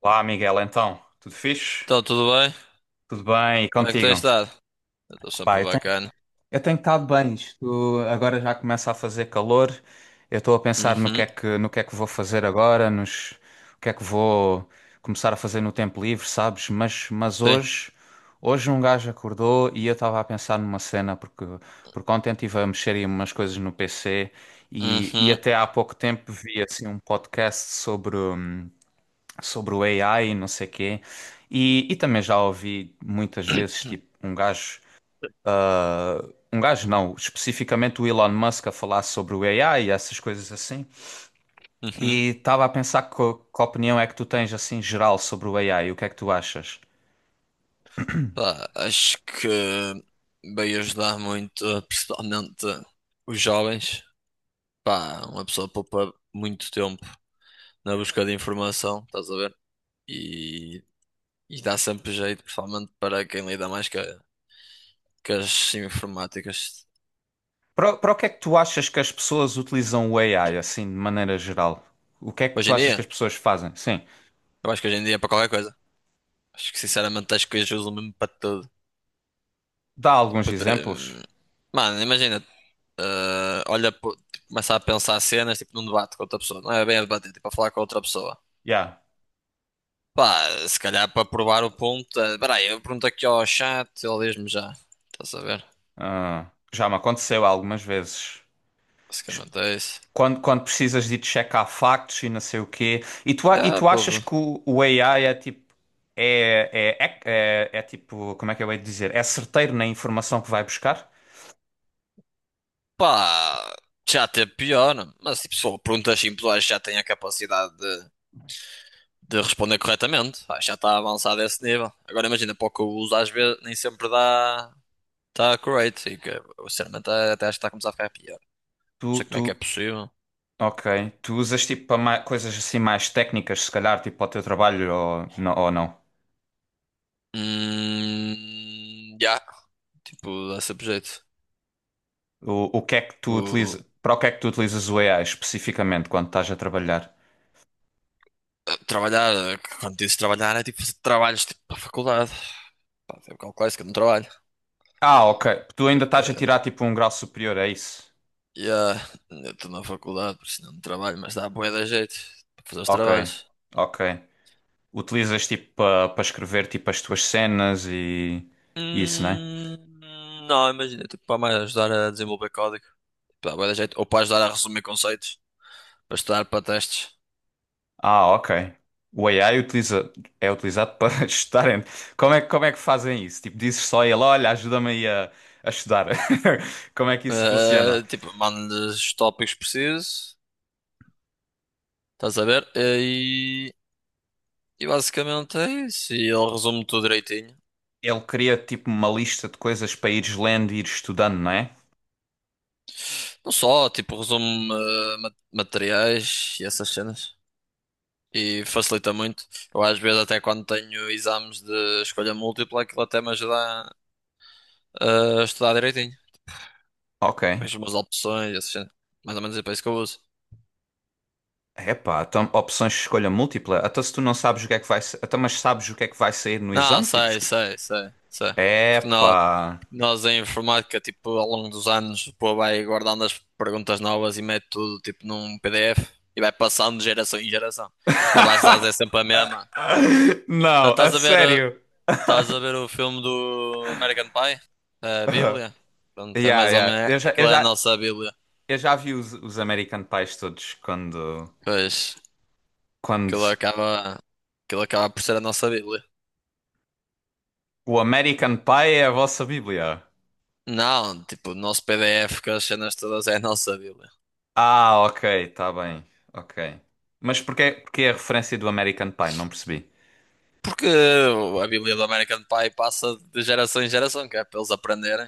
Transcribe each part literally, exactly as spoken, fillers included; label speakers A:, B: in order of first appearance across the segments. A: Olá, Miguel, então, tudo fixe?
B: Então, tudo bem?
A: Tudo bem? E
B: Como é que tens
A: contigo?
B: estado? Eu estou
A: Pá,
B: sempre
A: eu tenho,
B: bacana.
A: eu tenho estado bem. Isto agora já começa a fazer calor. Eu estou a pensar no que é
B: Uhum,
A: que, no que é que vou fazer agora, nos, o que é que vou começar a fazer no tempo livre, sabes? Mas, mas
B: sim.
A: hoje, hoje um gajo acordou e eu estava a pensar numa cena, porque, porque ontem estive a mexer em umas coisas no P C e, e
B: Uhum,
A: até há pouco tempo vi assim um podcast sobre. sobre o A I e não sei quê. E, e também já ouvi muitas vezes, tipo, um gajo, um gajo não, especificamente o Elon Musk a falar sobre o A I e essas coisas assim.
B: uhum.
A: E estava a pensar que, que opinião é que tu tens, assim, geral sobre o A I, o que é que tu achas?
B: Pá, acho que veio ajudar muito, principalmente os jovens. Pá, uma pessoa poupa muito tempo na busca de informação, estás a ver? E, e dá sempre jeito, principalmente para quem lida mais com, a- com as informáticas.
A: Para, o- para o que é que tu achas que as pessoas utilizam o A I, assim, de maneira geral? O que é que
B: Hoje
A: tu
B: em
A: achas que
B: dia,
A: as pessoas fazem? Sim,
B: eu acho que hoje em dia é para qualquer coisa. Acho que sinceramente acho que hoje usam mesmo para tudo.
A: dá alguns
B: Tipo, de-
A: exemplos.
B: hum, mano, imagina, eh, olha, pô, tipo, começa a pensar cenas, tipo, num debate com outra pessoa. Não é bem a debater, tipo, a falar com outra pessoa.
A: Yeah.
B: Pá, se calhar para provar o ponto. eh, Espera aí, eu pergunto aqui ao chat, ele diz-me já. Estás a ver?
A: Ah, já me aconteceu algumas vezes.
B: Basicamente é isso.
A: Quando, quando precisas de ir checar factos e não sei o quê. E tu, a- e
B: Já,
A: tu achas
B: pô,
A: que o, o A I é tipo. É, é, é, é- é tipo. Como é que eu hei de dizer? É certeiro na informação que vai buscar?
B: pá, já teve pior, mas tipo, se for perguntas simples, eu acho que já tem a capacidade de, de responder corretamente. Acho que já está avançado a esse nível. Agora imagina, para o que eu uso, às vezes nem sempre dá. Está correto, e que, eu, sinceramente até acho que está a começar a ficar pior. Não
A: Tu,
B: sei como
A: tu,
B: é que é possível.
A: ok. Tu usas tipo para ma- coisas assim mais técnicas, se calhar, tipo para o teu trabalho ou, não- ou não?
B: Hum, já, tipo, dá sempre jeito.
A: O, o que é que tu
B: Vou
A: utilizas? Para o que é que tu utilizas o A I especificamente quando estás a trabalhar?
B: eh, trabalhar, eh, quando dizes trabalhar, é tipo fazer trabalhos tipo para a faculdade. Pá, tem um bocado clássico, eu não trabalho.
A: Ah, ok. Tu ainda
B: Só
A: estás a
B: que,
A: tirar tipo um grau superior, é isso?
B: yeah, eu estou na faculdade, por isso não trabalho, mas dá bué da jeito para fazer os
A: Ok,
B: trabalhos.
A: ok. Utilizas tipo para escrever tipo as tuas cenas e e isso, né?
B: Hum, não, imagina, tipo, para mais ajudar a desenvolver código. Tipo, dá bué da jeito. Ou para ajudar a resumir conceitos, para estudar para testes.
A: Ah, ok. O A I utiliza, é utilizado para estudar. Como é, como é que fazem isso? Tipo, dizes só a ele, olha, ajuda-me aí a, a estudar. Como é que isso funciona?
B: Eh, tipo, mando-lhes os tópicos precisos, estás a ver? E E basicamente é isso. E ele resume tudo direitinho.
A: Ele cria tipo uma lista de coisas para ires lendo e ires estudando, não é?
B: Não só, tipo, resume eh, ma- materiais e essas cenas. E facilita muito. Eu às vezes até quando tenho exames de escolha múltipla, aquilo até me ajuda a, a estudar direitinho.
A: Ok.
B: Vejo umas opções, e essas cenas. Mais ou menos é para isso que eu uso.
A: Epá, então opções de escolha múltipla. Até se tu não sabes o que é que vai, sa- até mas sabes o que é que vai sair no
B: Não,
A: exame, tipo,
B: sei,
A: esco-
B: sei, sei, sei. Porque na,
A: epá.
B: Nós em informática, tipo, ao longo dos anos, pô, vai guardando as perguntas novas e mete tudo, tipo, num P D F e vai passando de geração em geração. A base de dados é sempre a mesma. Tá-
A: Não, a
B: Estás a ver, eh,
A: sério.
B: estás a ver o filme do American Pie? A Bíblia? Pronto, é
A: Yeah,
B: mais ou
A: yeah.
B: menos,
A: Eu já, eu
B: aquilo é a
A: já,
B: nossa Bíblia.
A: eu já vi os, os American Pies todos quando,
B: Pois,
A: quando
B: aquilo acaba, aquilo acaba por ser a nossa Bíblia.
A: o American Pie é a vossa Bíblia.
B: Não, tipo, o nosso P D F com as cenas todas é a nossa Bíblia.
A: Ah, ok, tá bem. Ok. Mas porquê, porquê a referência do American Pie? Não percebi.
B: Porque a Bíblia do American Pie passa de geração em geração, que é para eles aprenderem.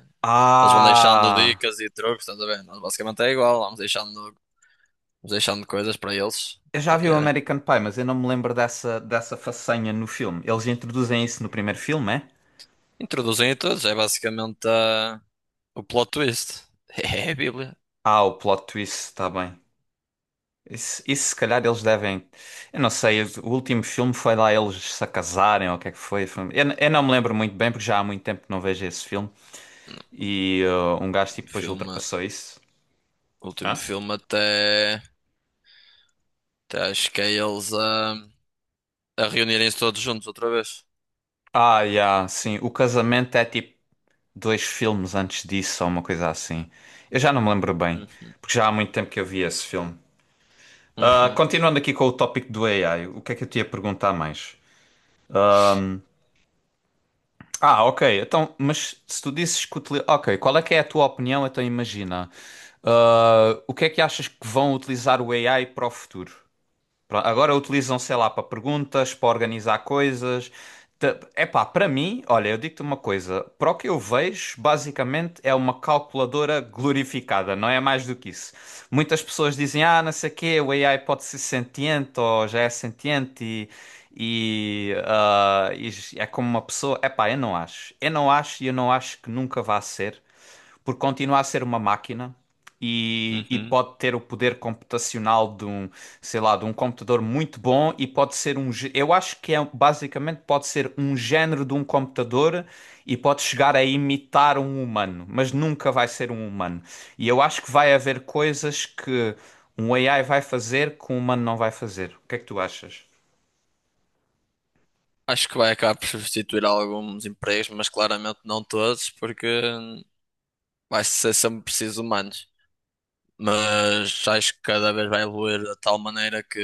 B: Eles vão deixando
A: Ah,
B: dicas e truques, estás a ver? Nós basicamente é igual, vamos deixando, vamos deixando coisas para eles
A: eu já vi o
B: aprenderem.
A: American Pie, mas eu não me lembro dessa, dessa façanha no filme. Eles introduzem isso no primeiro filme, é?
B: Introduzem a todos, é basicamente ah, o plot twist. É a Bíblia.
A: Ah, o plot twist, tá bem. Isso, isso se calhar eles devem. Eu não sei, o último filme foi lá eles se casarem ou o que é que foi. foi- Eu, eu não me lembro muito bem porque já há muito tempo que não vejo esse filme. E uh, um
B: O
A: gajo tipo, depois
B: filme,
A: ultrapassou isso.
B: o último
A: Hã?
B: filme até, até acho que é eles a, a reunirem-se todos juntos outra vez.
A: Ah, yeah, sim. O casamento é tipo dois filmes antes disso ou uma coisa assim. Eu já não me lembro bem
B: Uhum,
A: porque já há muito tempo que eu vi esse filme. Ah,
B: uhum,
A: continuando aqui com o tópico do A I, o que é que eu te ia perguntar mais? Ah, ok. Então, mas se tu disses que utili... Ok, qual é que é a tua opinião? Então imagina. Ah, o que é que achas que vão utilizar o A I para o futuro? Pronto, agora utilizam, sei lá, para perguntas, para organizar coisas. Ta- Epá, para mim, olha, eu digo-te uma coisa, para o que eu vejo, basicamente é uma calculadora glorificada, não é mais do que isso. Muitas pessoas dizem, ah, não sei o quê, o A I pode ser sentiente ou já é sentiente e, e, ah, e é como uma pessoa. Epá, eu não acho. Eu não acho e eu não acho que nunca vá ser, porque continua a ser uma máquina e, e
B: uhum.
A: pode ter o poder computacional de um, sei lá, de um computador muito bom e pode ser um, gê- eu acho que é basicamente pode ser um género de um computador e pode chegar a imitar um humano, mas nunca vai ser um humano. E eu acho que vai haver coisas que um A I vai fazer que um humano não vai fazer. O que é que tu achas?
B: Acho que vai acabar por substituir alguns empregos, mas claramente não todos, porque vai ser sempre preciso humanos, mas acho que cada vez vai evoluir de tal maneira que,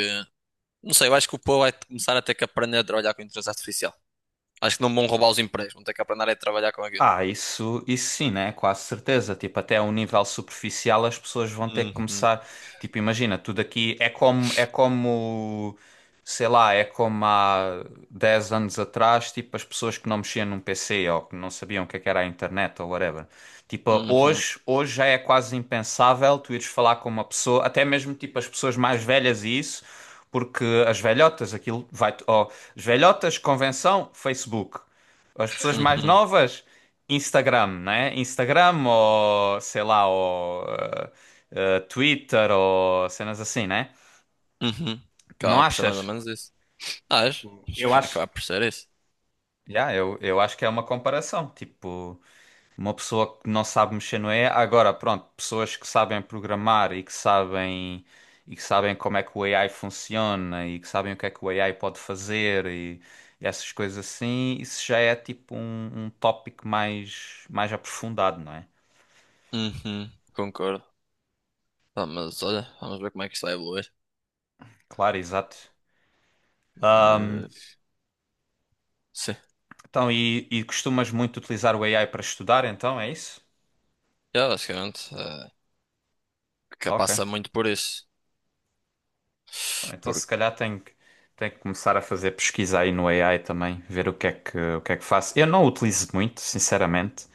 B: não sei, eu acho que o povo vai começar a ter que aprender a trabalhar com inteligência artificial. Acho que não vão roubar os empregos, vão ter que aprender a trabalhar com aquilo.
A: Ah, isso, isso sim, né? Quase certeza. Tipo, até a um nível superficial as pessoas vão ter que
B: Uhum,
A: começar. Tipo, imagina, tudo aqui é como, é como, sei lá, é como há dez anos atrás, tipo, as pessoas que não mexiam num P C ou que não sabiam o que é que era a internet ou whatever. Tipo,
B: uhum,
A: hoje, hoje já é quase impensável tu ires falar com uma pessoa, até mesmo tipo as pessoas mais velhas e isso, porque as velhotas, aquilo vai, ó, as velhotas, convenção, Facebook. As pessoas mais
B: uhum,
A: novas, Instagram, né? Instagram ou, sei lá, ou eh, eh, Twitter ou cenas assim, né?
B: uhum.
A: Não
B: Acaba por ser mais ou
A: achas?
B: menos isso. Acho, acho que
A: Eu
B: vai
A: acho.
B: acabar por ser isso.
A: Já, eu, eu acho que é uma comparação. Tipo, uma pessoa que não sabe mexer no A I, agora, pronto, pessoas que sabem programar e que sabem e que sabem como é que o A I funciona e que sabem o que é que o A I pode fazer e, e essas coisas assim, isso já é tipo um, um tópico mais mais aprofundado, não é?
B: Uhum, concordo. Ah, mas olha, vamos ver como é que isso vai evoluir.
A: Claro, exato.
B: Eh, sim,
A: Então, e, e costumas muito utilizar o A I para estudar, então, é isso?
B: é basicamente, eh, que
A: Ok.
B: passa muito por isso.
A: Bom, então, se
B: Porque.
A: calhar tenho que, tenho que começar a fazer pesquisa aí no A I também, ver o que é que, o que é que faço. Eu não o utilizo muito, sinceramente.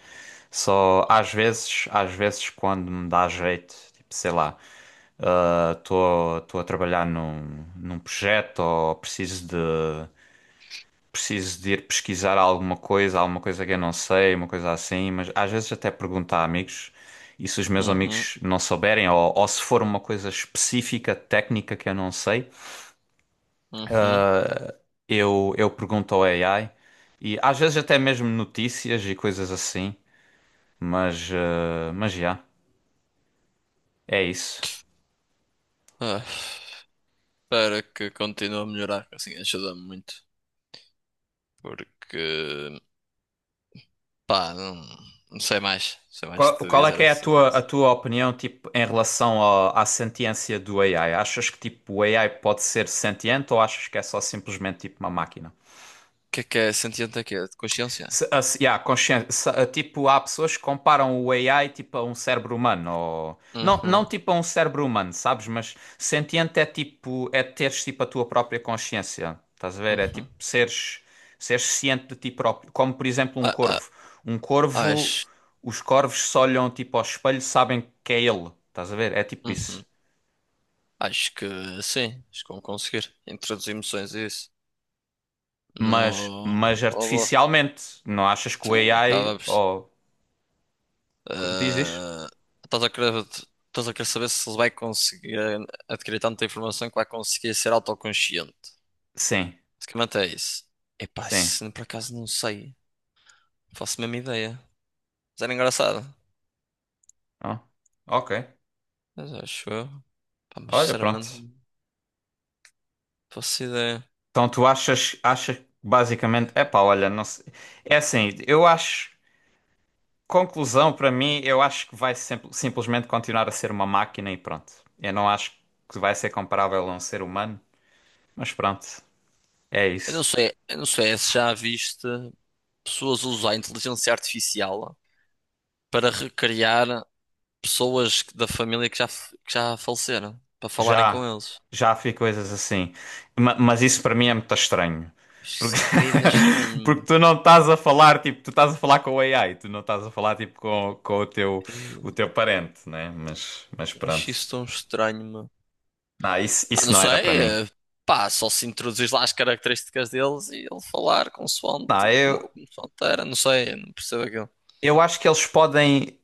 A: Só às vezes, às vezes quando me dá jeito, tipo, sei lá, estou a trabalhar num, num projeto ou preciso de preciso de ir pesquisar alguma coisa, alguma coisa que eu não sei, uma coisa assim, mas às vezes até pergunto a amigos. E se os meus
B: Uhum,
A: amigos não souberem, ou, ou se for uma coisa específica, técnica que eu não sei,
B: uhum.
A: eu, eu pergunto ao A I. E às vezes até mesmo notícias e coisas assim. Mas, eh, mas já, é isso.
B: Ah. Espero que continue a melhorar, assim ajuda-me muito. Porque, pá, não, não sei mais. Não sei mais o
A: Qual,
B: que te
A: qual é
B: dizer
A: que é a
B: acerca
A: tua, a
B: disso.
A: tua opinião, tipo, em relação ao- à sentiência do A I? Achas que, tipo, o A I pode ser sentiente ou achas que é só simplesmente, tipo, uma máquina?
B: O que é que é sentiente aqui? É de consciência?
A: Se- a- se- yeah, consciência, se- a- tipo, há pessoas que comparam o A I tipo a um cérebro humano, ou... não,
B: Uhum,
A: não tipo a um cérebro humano, sabes? Mas sentiente é tipo, é teres tipo a tua própria consciência, estás a ver? É
B: uhum.
A: tipo seres, seres ciente de ti próprio, como por exemplo um
B: Ah, ah,
A: corvo. Um corvo,
B: acho,
A: os corvos se olham tipo ao espelho, sabem que é ele, estás a ver? É tipo
B: uhum.
A: isso.
B: Acho que sim, acho que vou conseguir introduzir emoções e isso no
A: Mas, mas
B: robô.
A: artificialmente, não achas que o
B: Sim,
A: A I,
B: acabamos.
A: ou... Diz, diz?
B: Ah, estás a querer, estás a querer saber se ele vai conseguir adquirir tanta informação que vai conseguir ser autoconsciente.
A: Sim,
B: Basicamente é isso. Epá,
A: sim.
B: isso por acaso não sei. Não faço a mesma ideia. Mas era engraçado.
A: Ah, ok.
B: Mas acho eu. Pá, mas
A: Olha,
B: sinceramente
A: pronto.
B: não faço ideia.
A: Então tu achas, achas que basicamente, epá, olha, não sei. É assim, eu acho, conclusão para mim, eu acho que vai sempre- simplesmente continuar a ser uma máquina e pronto. Eu não acho que vai ser comparável a um ser humano, mas pronto, é
B: Eu não
A: isso.
B: sei, eu não sei se já viste pessoas usar a inteligência artificial para recriar pessoas que- da família que já, f- que já faleceram. Para falarem com
A: Já,
B: eles.
A: já vi coisas assim. Ma- mas isso para mim é muito estranho.
B: Acho que
A: Porque,
B: isso é bué de estranho,
A: porque
B: meu.
A: tu não estás a falar, tipo, tu estás a falar com o A I, tu não estás a falar, tipo, com, com o teu, o teu parente, né? Mas, mas
B: Eu acho
A: pronto.
B: isso tão estranho.
A: Não, isso,
B: Pá,
A: isso
B: não
A: não era para
B: sei,
A: mim.
B: eh, pá, só se introduzir lá as características deles e ele falar consoante,
A: Não,
B: como,
A: eu,
B: consoante era, não sei, não percebo aquilo.
A: eu acho que eles podem,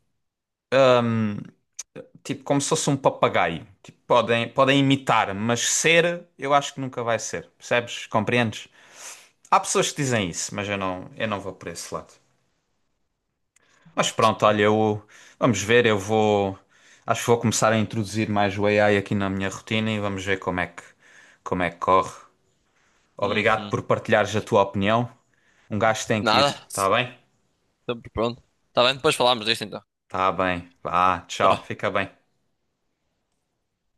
A: tipo, como se fosse um papagaio. Tipo, podem, podem imitar, mas ser, eu acho que nunca vai ser. Percebes? Compreendes? Há pessoas que dizem isso, mas eu não, eu não vou por esse lado. Mas pronto, olha, eu, vamos ver, eu vou, acho que vou começar a introduzir mais o A I aqui na minha rotina e vamos ver como é que, como é que corre. Obrigado
B: Uhum.
A: por partilhares a tua opinião. Um gajo tem que ir,
B: Nada,
A: tá bem?
B: sempre pronto. Tá bem, depois falámos disto então.
A: Tá bem. Vá,
B: Tá.
A: tchau, fica bem.